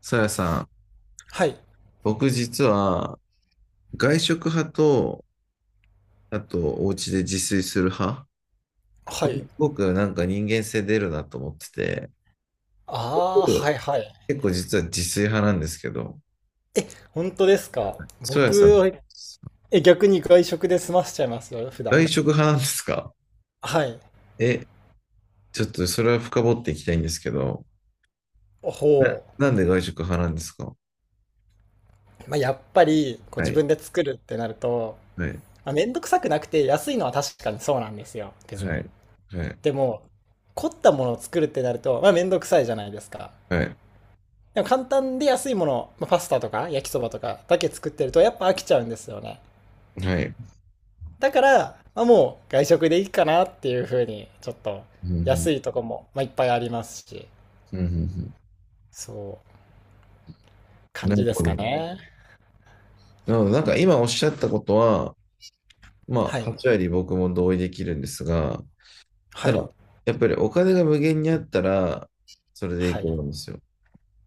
さやさん、はい。僕実は外食派と、あとお家で自炊する派、こはれい。すごくなんか人間性出るなと思ってて、ああ、は僕いはい。結構実は自炊派なんですけど、え、本当ですか？そやさん、僕は、え、逆に外食で済ませちゃいますよ、普段。外食派なんですか？はい。え、ちょっとそれは深掘っていきたいんですけど、な、ほう。なんで外食派なんですか？まあ、やっぱり、こうは自い、分で作るってなると、はい、まあ、めんどくさくなくて安いのは確かにそうなんですよ、別はに。い、はい、でも、凝ったものを作るってなると、まあ、めんどくさいじゃないですか。はい、でも簡単で安いもの、まあ、パスタとか焼きそばとかだけ作ってると、やっぱ飽きちゃうんですよね。はい。だから、まあ、もう外食でいいかなっていう風に、ちょっとうんうん安いとこも、まあ、いっぱいありますし、うんうんうん。そう、感なじるでほすかど。ね。なので、なんか今おっしゃったことは、まはあ、い。8割僕も同意できるんですが、はただ、い。やっぱりお金が無限にあったら、それでいいはとい。思うんですよ。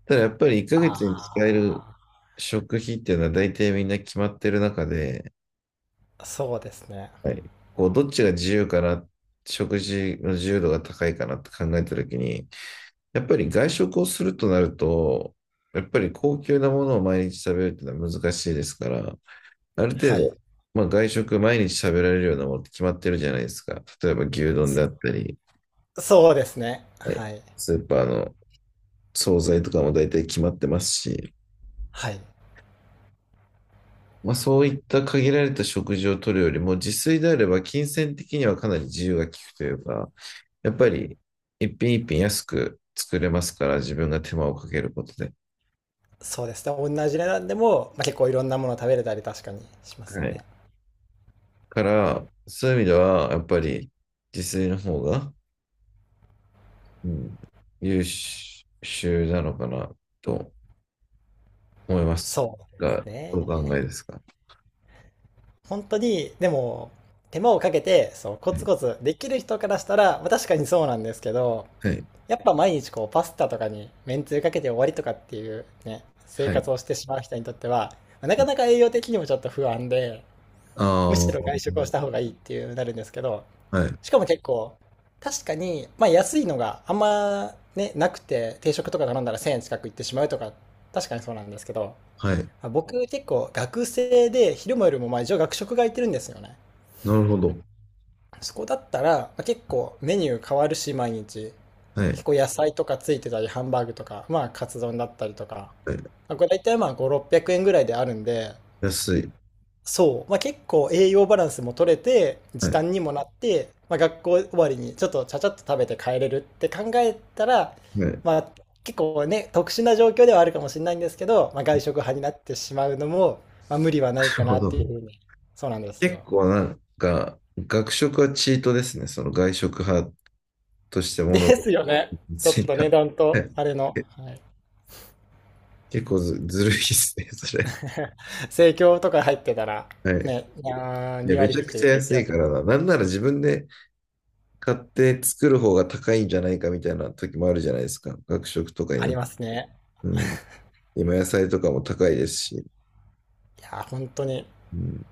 ただ、やっぱり1ヶ月に使えるあ食費っていうのは大体みんな決まってる中で、あ、そうですね。はい、こう、どっちが自由かな、食事の自由度が高いかなって考えたときに、やっぱり外食をするとなると、やっぱり高級なものを毎日食べるっていうのは難しいですから、ある程はい。度、まあ、外食毎日食べられるようなものって決まってるじゃないですか。例えば牛丼であっそたり、そうですね。はい、はい。スーパーの惣菜とかも大体決まってますし、はい。まあ、そういった限られた食事をとるよりも、自炊であれば金銭的にはかなり自由が利くというか、やっぱり一品一品安く作れますから、自分が手間をかけることで。そうですね。同じ値段でも、まあ、結構いろんなもの食べれたり確かにしますはよい。ね。から、そういう意味では、やっぱり自炊の方が、うん、優秀なのかなと思いますそうですが、どうお考えでね。すか？本当に、でも、手間をかけて、そう、コはツい。コツできる人からしたら、まあ、確かにそうなんですけど、はい。やっぱ毎日こう、パスタとかにめんつゆかけて終わりとかっていうね、生はい。活をしてしまう人にとっては、まあなかなか栄養的にもちょっと不安で、あむあ、しろ外は食をした方がいいっていうなるんですけど、い。しかも結構、確かに、まあ安いのがあんまね、なくて、定食とか頼んだら1000円近くいってしまうとか、確かにそうなんですけど、はい。あ、僕結構学生で昼も夜もまあ一応学食が空いてるんですよね。なるほど。そこだったら、まあ、結構メニュー変わるし毎日はい。結構野菜とかついてたりハンバーグとかまあカツ丼だったりとか、はい。まあ、これ大体まあ5、600円ぐらいであるんで、安い。そう、まあ、結構栄養バランスも取れては時い。短にもなって、まあ、学校終わりにちょっとちゃちゃっと食べて帰れるって考えたら、はい。なまあ、結構ね特殊な状況ではあるかもしれないんですけど、まあ、外食派になってしまうのも、まあ、無理はないるかほなっど。ていうふうに。そうなんです結よ。構なんか、学食はチートですね。その外食派としてで物すをよね。ちょつっいとた。値はい。段とあれの、はい、結構ずるいですね、それ。生協とか入ってたらはい。ね、いやーいや、2め割ちゃ引くき、ちゃ1安い割か引きらな。なんなら自分で買って作る方が高いんじゃないかみたいな時もあるじゃないですか。学食とかにあな。りますね。うん。今野菜とかも高いですし。いやー本当に。うん。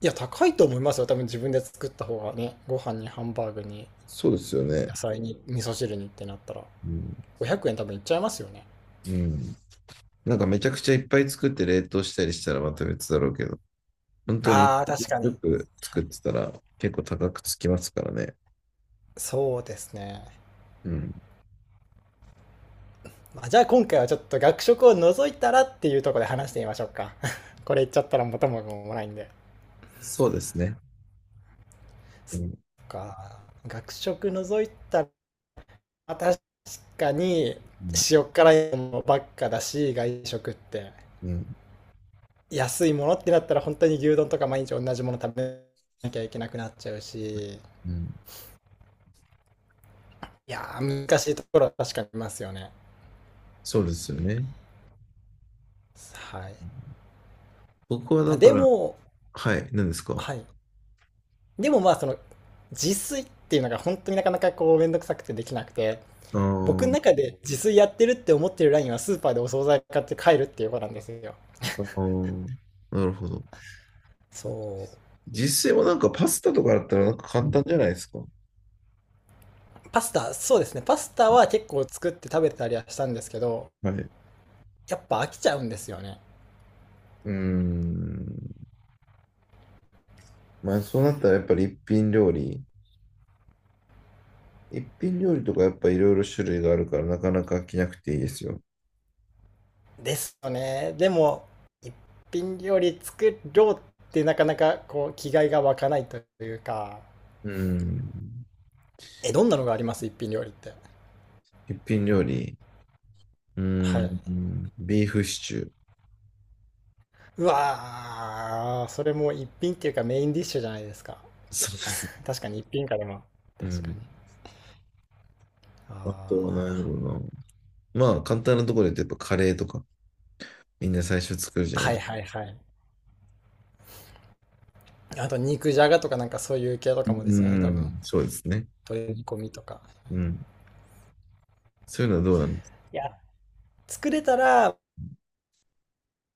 いや、高いと思いますよ。多分自分で作った方がね、ご飯にハンバーグにそうですよね。野菜に味噌汁にってなったら、うん。500円多分いっちゃいますよね。うん。なんかめちゃくちゃいっぱい作って冷凍したりしたらまた別だろうけど、本当にああ、確かよに。くは作っい、てたら結構高くつきますからね。そうですね。うん。まあ、じゃあ今回はちょっと学食を除いたらっていうところで話してみましょうか。これ言っちゃったら元も子もないんで。そうですね。うそん。っか。学食除いたら、まあ確かにうん。塩辛いものばっかだし、外食って。うん。安いものってなったら本当に牛丼とか毎日同じもの食べなきゃいけなくなっちゃうし、いうん、やー、難しいところは確かにありますよね。そうですよね。はい。僕はまあ、だかでら、も、はい、何ですか？はい。でもまあ、その、自炊っていうのが本当になかなかこう、めんどくさくてできなくて、あ僕のー中で自炊やってるって思ってるラインはスーパーでお惣菜買って帰るっていうことなんですよ。あー、なるほど。そう。実際はなんかパスタとかだったらなんか簡単じゃないですか。パスタ、そうですね。パスタは結構作って食べてたりはしたんですけど、はい。うやっぱ飽きちゃうんですよね。ーん。まあそうなったらやっぱり一品料理。一品料理とかやっぱいろいろ種類があるからなかなか飽きなくていいですよ。ですよね。でも、一品料理作ろうってなかなかこう気概が湧かないというか、うん。え、どんなのがあります？一品料理って。一品料理。うん。はい。うんビーフシチュー。うわー、それも一品っていうかメインディッシュじゃないですか。そうですね。確かに一品かでも。う確かん。に。あとは何あやろうな。まあ、簡単なところで言うとやっぱカレーとか、みんな最初作るじゃあ。ないはでいすか。はいはい。あと肉じゃがとかなんかそういう系とうかもですよね、多分。ん。そうですね。鶏煮込みとか。うん。そういうのはどうなんですか？いや、作れたらめ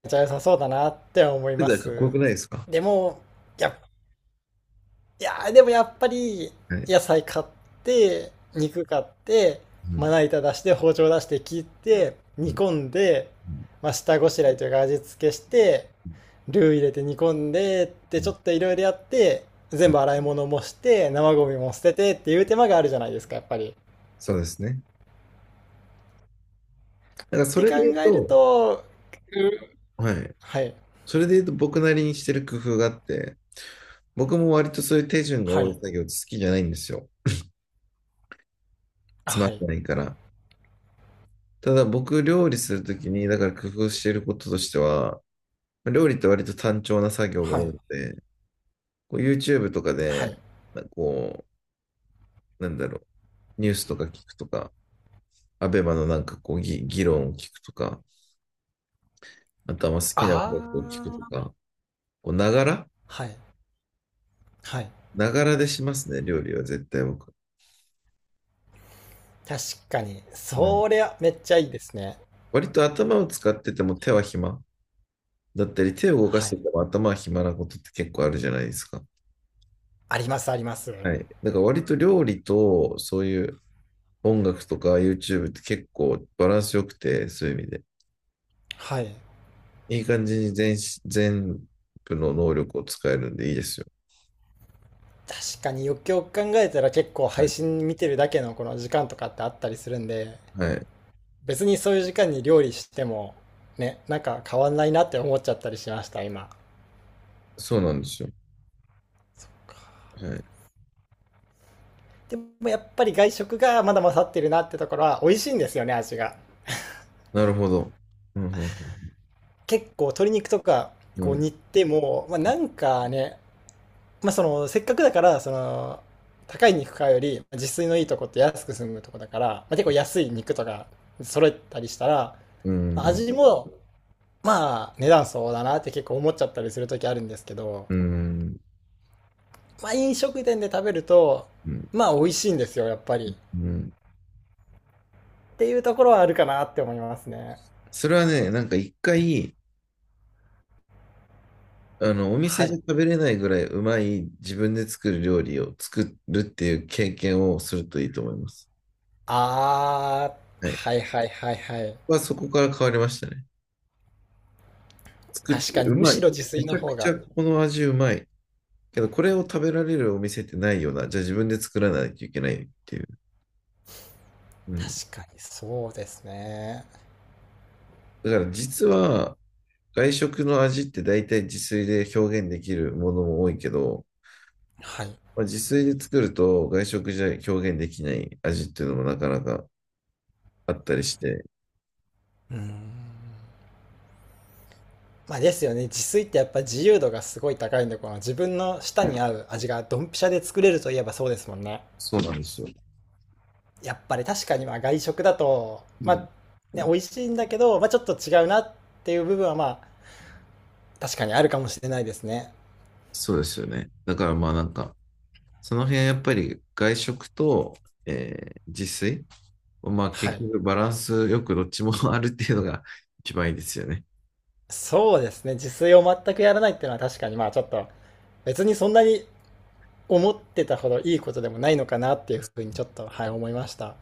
っちゃ良さそうだなって思い世ま代かっこよす。くないですか？でも、やっいやー、でもやっぱり、はい。野菜買って、肉買って、うまん。な板出して、包丁出して切って、う煮ん。込んで、うんまあ、下ごしらえというか味付けして、うんルー入れて煮込んでってちょっといろいろやって、う全ん、部洗い物もして、生ゴミも捨ててっていう手間があるじゃないですか、やっぱり。そうですね。だからっそてれ考で言うえると、と、はい。はい、それで言うと僕なりにしてる工夫があって、僕も割とそういう手順がは多いい、作業って好きじゃないんですよ。つまはらい、ないから。ただ僕料理するときに、だから工夫していることとしては、料理って割と単調な作業がはい、多くて、こう YouTube とかはで、い。まあこう、なんだろう、ニュースとか聞くとか、アベマのなんかこう議論を聞くとか、あとはまあ好きな音あ楽を聞くとあ、か、こう、ながらはい、はい。ながらでしますね、料理は絶対僕。確かに、うん。そりゃめっちゃいいですね。割と頭を使ってても手は暇だったり、手を動かはしい。てても頭は暇なことって結構あるじゃないですか。ありますあります。はい。だから割と料理と、そういう、音楽とか YouTube って結構バランス良くて、そういう意味で。はい。いい感じに全部の能力を使えるんでいいですよ。確かによくよく考えたら結構配信見てるだけのこの時間とかってあったりするんで、はい。別にそういう時間に料理してもね、なんか変わんないなって思っちゃったりしました、今。そうなんですよ。はい。でもやっぱり外食がまだ勝ってるなってところは美味しいんですよね、味が。なるほど。うん、結構鶏肉とかうこうん、煮ても、まあ、なんかね、まあ、そのせっかくだからその高い肉買うより自炊のいいとこって安く済むとこだから、まあ、結構安い肉とか揃えたりしたらうん、味も、まあ、値段そうだなって結構思っちゃったりする時あるんですけど、うん、まあ、飲食店で食べると、うん、まあ、美味しいんですよ、やっぱり。うん。っていうところはあるかなって思いますね。それはね、なんか一回、お店はじゃい。食べれないぐらいうまい自分で作る料理を作るっていう経験をするといいと思います。あはー、い。はいはいはいはい。はそこから変わりましたね。作っ確てかに、うむましい。ろ自炊めのちゃく方ちゃが。この味うまい。けど、これを食べられるお店ってないような。じゃあ自分で作らないといけないっていう。うん。確かに、そうですね。だから実は、外食の味って大体自炊で表現できるものも多いけど、はい。まあ、自炊で作ると外食じゃ表現できない味っていうのもなかなかあったりして、うーん。まあですよね。自炊ってやっぱ自由度がすごい高いんで、この自分の舌はにい、合う味がドンピシャで作れるといえばそうですもんね。そうなんですよ。やっぱり確かにまあ外食だと、うまあ、ん、ね、美味しいんだけど、まあ、ちょっと違うなっていう部分はまあ、確かにあるかもしれないですね。そうですよね。だからまあなんか、その辺はやっぱり外食と、自炊、まあは結い。局バランスよくどっちもあるっていうのが一番いいですよね。そうですね。自炊を全くやらないっていうのは確かにまあちょっと、別にそんなに思ってたほどいいことでもないのかなっていうふうにちょっと、はい、思いました。